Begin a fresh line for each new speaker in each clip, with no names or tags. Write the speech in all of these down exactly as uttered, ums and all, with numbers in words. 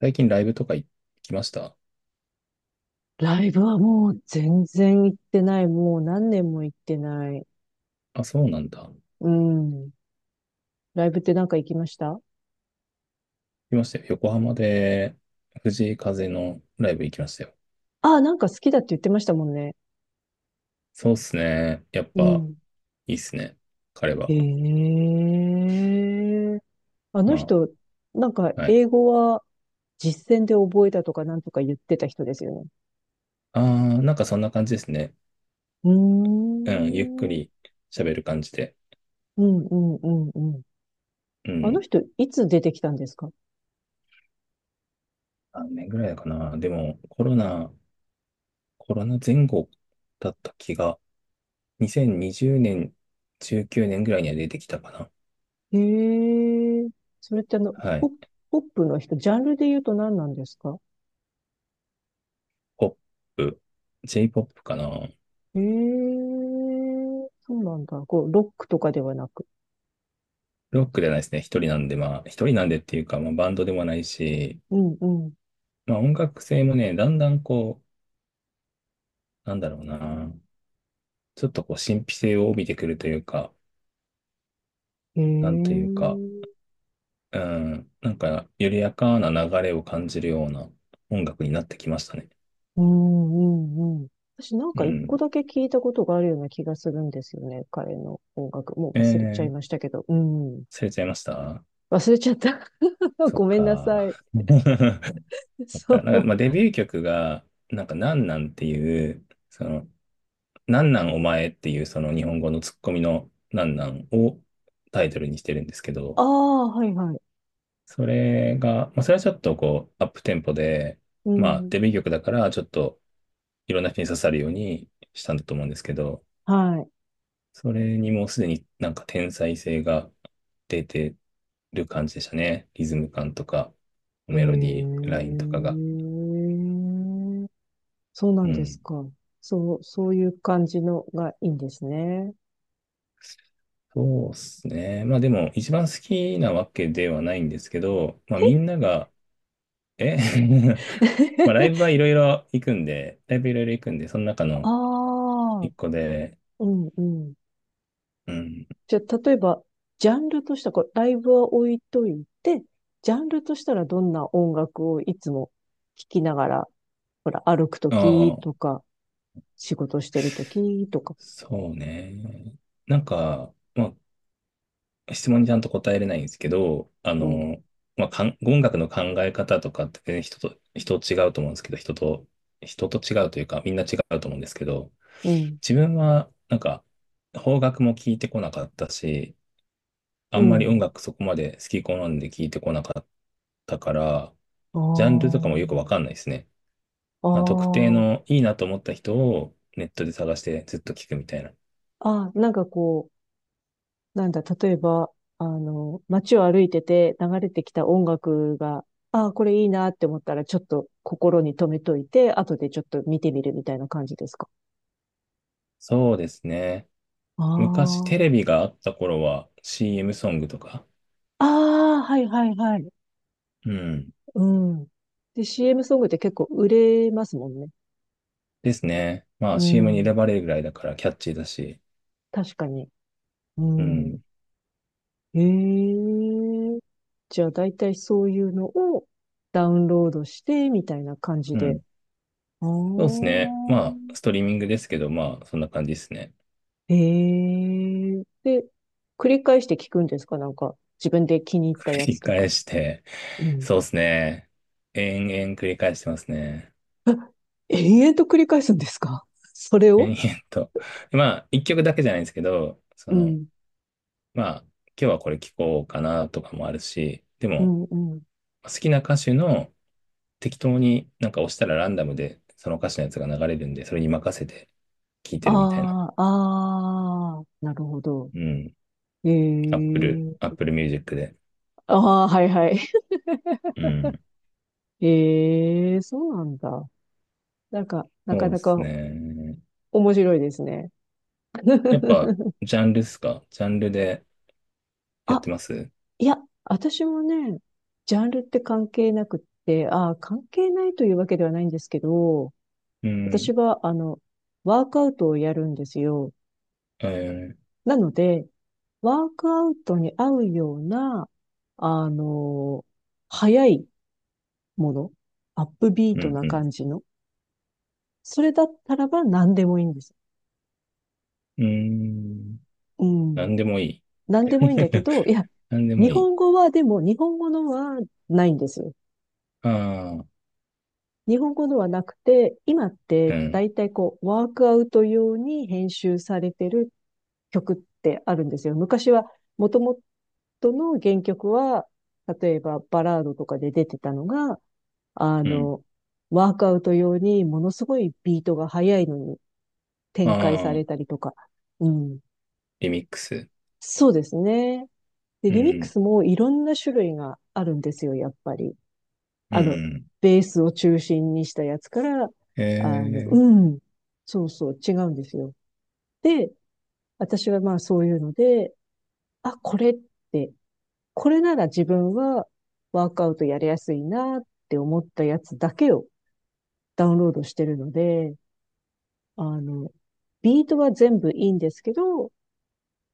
最近ライブとか行きました？
ライブはもう全然行ってない。もう何年も行ってない。
あ、そうなんだ。行
うん。ライブってなんか行きました？
きましたよ。横浜で藤井風のライブ行きましたよ。
ああ、なんか好きだって言ってましたもんね。
そうっすね。やっ
う
ぱ
ん。
いいっすね。彼
え
は。
え、あの
ま
人、なんか
あ、はい。
英語は実践で覚えたとかなんとか言ってた人ですよね。
あー、なんかそんな感じですね。
うー
うん、ゆっく
ん。うん、
り喋る感じで。
うん、うん、うん。
う
あの
ん。
人、いつ出てきたんですか？
何年ぐらいかな。でもコロナ、コロナ前後だった気が、にせんにじゅうねん、じゅうきゅうねんぐらいには出てきたかな。
へえ。それってあの、
はい。
ポ、ポップの人、ジャンルで言うと何なんですか？
ポップ、j ポップかな。
ええー、そうなんだ。こう、ロックとかではなく。
ロックじゃないですね。一人なんで、まあ、一人なんでっていうか、まあ、バンドでもないし、
うん、うん。
まあ、音楽性もね、だんだんこう、なんだろうな、ちょっとこう、神秘性を帯びてくるというか、
ええ
なんというか、
ー、
うん、なんか、緩やかな流れを感じるような音楽になってきましたね。
うん、うん、うん。私なん
う
か一個
ん。
だけ聞いたことがあるような気がするんですよね。彼の音楽。もう
え
忘れちゃい
ー、
ましたけど。うん。
忘れちゃいました？
忘れちゃった。
そっ
ごめんなさ
か。
い。
そっか。
そ
なんか、
う。
まあ、デビュー曲が、なんか、なんなんっていう、その、なんなんお前っていうその日本語のツッコミのなんなんをタイトルにしてるんですけ
あ
ど、
あ、はい、はい。
それが、まあ、それはちょっとこう、アップテンポで、
う
まあ、
ん。
デビュー曲だから、ちょっといろんな人に刺さるようにしたんだと思うんですけど、
はい。
それにもうすでになんか天才性が出てる感じでしたね。リズム感とか、
へえ。
メロディーラインとかが。
そうな
う
んです
ん。
か。そう、そういう感じのがいいんですね。
そうですね。まあでも、一番好きなわけではないんですけど、まあみんな
へ。
がえ まあ、ライブはい ろいろ行くんで、ライブいろいろ行くんで、その中の
ああ、
一個で、
うん、うん。
うん、
じゃあ、例えば、ジャンルとしたら、こうライブは置いといて、ジャンルとしたらどんな音楽をいつも聴きながら、ほら、歩くと
あ
き
あ、
とか、仕事してるときとか。
そうね。なんか、まあ、質問にちゃんと答えれないんですけど、あ
うん、
の、まあ、かん音楽の考え方とかって全然人と、人違うと思うんですけど、人と、人と違うというか、みんな違うと思うんですけど、
うん、
自分は、なんか、邦楽も聞いてこなかったし、あ
う
んまり音
ん。
楽そこまで好き好んで聞いてこなかったから、ジャンルと
あ
かもよくわかんないですね。
あ、
あ、特定
あ
のいいなと思った人をネットで探してずっと聞くみたいな。
あ、ああ、なんかこう、なんだ、例えば、あの、街を歩いてて流れてきた音楽が、ああ、これいいなって思ったら、ちょっと心に留めといて、後でちょっと見てみるみたいな感じですか？
そうですね。
あ
昔テレ
あ。
ビがあった頃は シーエム ソングとか、
ああ、はい、はい、はい。
うん。
うん。で、シーエム ソングって結構売れますもんね。
ですね。まあ
う
シーエム に
ん。
選ばれるぐらいだからキャッチーだし、
確かに。う
うん。
ん。へえ。じゃあ、だいたいそういうのをダウンロードして、みたいな感じ
う
で。
ん。
ああ。
そうですね。まあ、ストリーミングですけど、まあ、そんな感じですね。
へえ。で、繰り返して聞くんですか？なんか、自分で気に入った
繰
や
り
つと
返
か。
して、
うん。
そうですね。延々繰り返してますね。
延々と繰り返すんですか？ それを。
延々と。まあ、一曲だけじゃないんですけど、そ
う
の、
ん。
まあ、今日はこれ聞こうかなとかもあるし、で
う
も、
ん、うん。
好きな歌手の適当になんか押したらランダムでその歌手のやつが流れるんで、それに任せて聴いてるみたいな。
ああ、ああ、なるほど。
うん。
え
Apple、
え。
Apple Music で。
ああ、はい、はい。
うん。
ええ、そうなんだ。なんか、な
そ
か
うで
な
す
か
ね。
面白いですね。
やっぱ、ジャンルっすか？ジャンルでやっ
あ、
てます？
いや、私もね、ジャンルって関係なくって、ああ、関係ないというわけではないんですけど、
うん。
私は、あの、ワークアウトをやるんですよ。
えー、
なので、ワークアウトに合うような、あの、速いもの、アップビー
う
ト
ん、
な
うん。
感じの、それだったらば何でもいいんです。
うーん。
う
な
ん。
んでもいい。
何でもいいんだけ ど、いや、
なんでも
日
いい。
本語はでも、日本語のはないんです。
ああ、
日本語ではなくて、今っ
う
て
ん、
大体こう、ワークアウト用に編集されてる曲ってあるんですよ。昔は、もともとの原曲は、例えばバラードとかで出てたのが、あ
うん。
の、ワークアウト用にものすごいビートが速いのに
あ
展開さ
あ、
れたりとか。うん。
リミックス。
そうですね。で、
う
リミック
ん、
スもいろんな種類があるんですよ、やっぱり。
うん、
あ
う
の、
ん、
ベースを中心にしたやつから、あの、
ええ、
うん、そうそう、違うんですよ。で、私はまあそういうので、あ、これって、これなら自分はワークアウトやりやすいなって思ったやつだけをダウンロードしてるので、あの、ビートは全部いいんですけど、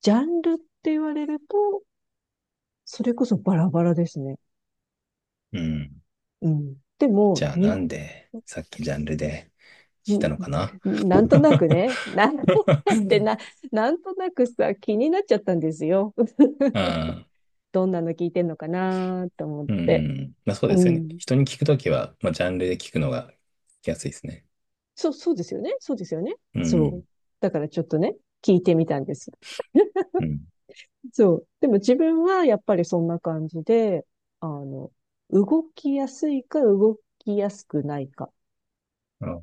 ジャンルって言われると、それこそバラバラですね。
うん。
うん。でも、
じゃあ
日
な
本。
んで、さっきジャンルで
う
聞い
ん。
たのかな？
なんとなくね、なん、 ってな、なんとなくさ、気になっちゃったんですよ。
ああ、
どんなの聞いてんのかなと思っ
うんう
て。
ん、まあそう
う
ですよね。
ん。
人に聞くときは、まあ、ジャンルで聞くのが聞きやすいですね。
そう、そうですよね。そうですよね。
う
そ
ん、
う。だからちょっとね、聞いてみたんです。
うん。
そう。でも自分はやっぱりそんな感じで、あの、動きやすいか動きやすくないか。
あ、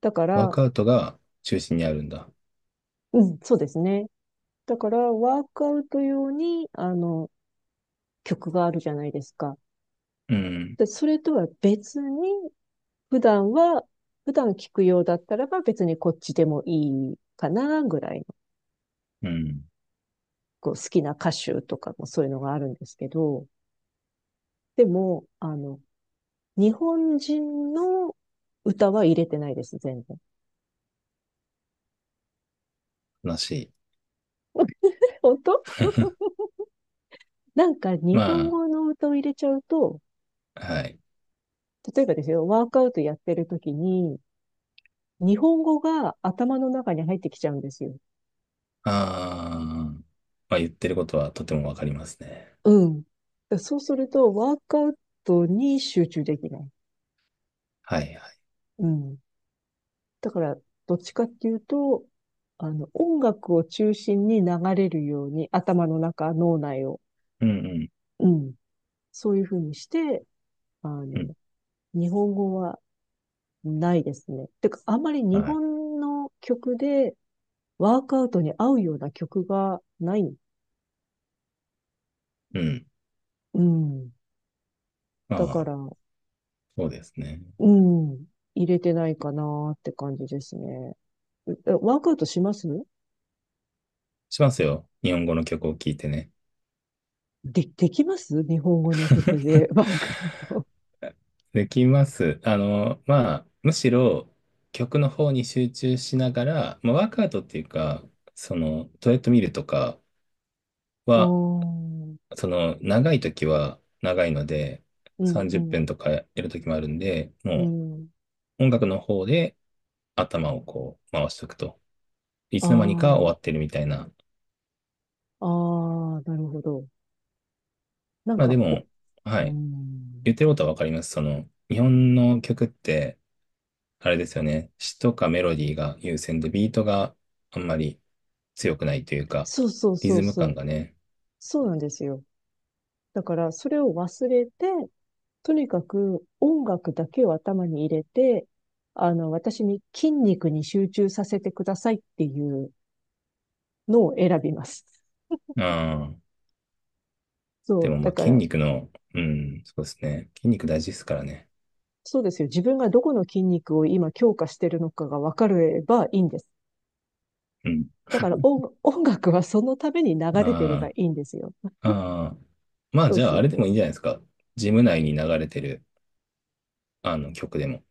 だか
ワー
ら、
クアウトが中心にあるんだ。
うん、そうですね。だから、ワークアウト用に、あの、曲があるじゃないですか。
うん、
で、それとは別に、普段は、普段聞くようだったらば別にこっちでもいいかな、ぐらいの、
うん。
こう好きな歌手とかもそういうのがあるんですけど、でも、あの、日本人の歌は入れてないです、全然。
悲しい。
本当。なんか日
ま
本語の歌を入れちゃうと、
あ、はい。
例えばですよ、ワークアウトやってる時に、日本語が頭の中に入ってきちゃうんですよ。
ああ、まあ言ってることはとてもわかりますね。
うん。そうすると、ワークアウトに集中できない。
はい、はい。
うん。だから、どっちかっていうと、あの、音楽を中心に流れるように、頭の中、脳内を。
うん、うん、
うん。そういうふうにして、あ
うん。
の、日本語はないですね。てか、あんまり
は
日
い。
本の曲でワークアウトに合うような曲がない。
うん。
うん。だか
ああ、
ら、
そうですね。
うん。入れてないかなって感じですね。うえワークアウトします？
しますよ。日本語の曲を聴いてね。
で、できます？日本語の曲 でワークアウト。
できます。あの、まあ、むしろ曲の方に集中しながら、まあ、ワークアウトっていうか、そのトレッドミルとか
うー
は、
ん。
その長い時は長いので、
うん、う
さんじゅっぷん
ん。
とかやる時もあるんで、
う
も
ん。
う音楽の方で頭をこう回しておくと。いつの間にか終
あ
わってるみたいな。
あ、ああ、なるほど。なん
まあ
か、
で
お、
も、は
う
い。
ん。
言ってることはわかります。その、日本の曲って、あれですよね。詩とかメロディーが優先で、ビートがあんまり強くないというか、
そうそう
リ
そう
ズム
そ
感
う。
がね。
そうなんですよ。だから、それを忘れて、とにかく音楽だけを頭に入れて、あの、私に筋肉に集中させてくださいっていうのを選びます。
ああ、
そ
で
う。
もま
だ
あ
か
筋
ら、
肉の、うん、そうですね。筋肉大事ですからね。
そうですよ。自分がどこの筋肉を今強化してるのかが分かればいいんです。
うん。
だから音、音楽はそのために流れてれば
あ
いいんですよ。
あ、ああ、まあ
そう
じゃあ
そ
あ
う
れで
そう。
もいいんじゃないですか。ジム内に流れてる、あの曲でも。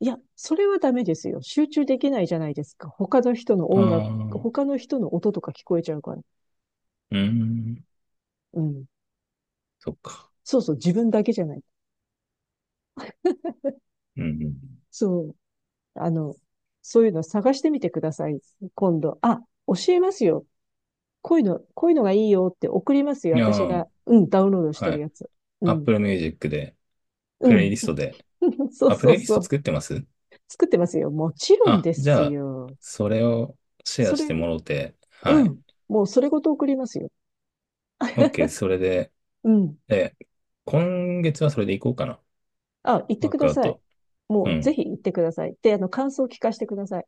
いや、それはダメですよ。集中できないじゃないですか。他の人の
あ
音楽、
あ、う
他の人の音とか聞こえちゃうから。
ーん、
うん。
そっか。
そうそう、自分だけじゃない。
うん、
そう。あの、そういうの探してみてください。今度。あ、教えますよ。こういうの、こういうのがいいよって送りますよ。
うん。
私
あ
が、うん、ダウンロードし
あ、
て
は
る
い。
やつ。うん。
Apple Music で、プ
う
レイ
ん。
リストで。
そう
あ、プ
そ
レ
う
イリス
そ
ト
う。
作ってます？
作ってますよ。もちろん
あ、
で
じ
す
ゃあ、
よ。
それをシェ
そ
アし
れ、
てもろて、は
う
い。
ん。もうそれごと送りますよ。
OK、それで、
うん。
え、今月はそれでいこうかな。
あ、行って
ワー
く
ク
だ
アウ
さい。
ト。
も
う
うぜ
ん、
ひ行ってください。で、あの、感想を聞かせてください。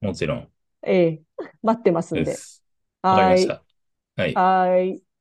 もちろん
ええ。待ってますん
で
で。
す。わかり
は
ま
ー
し
い。
た。はい。
はーい。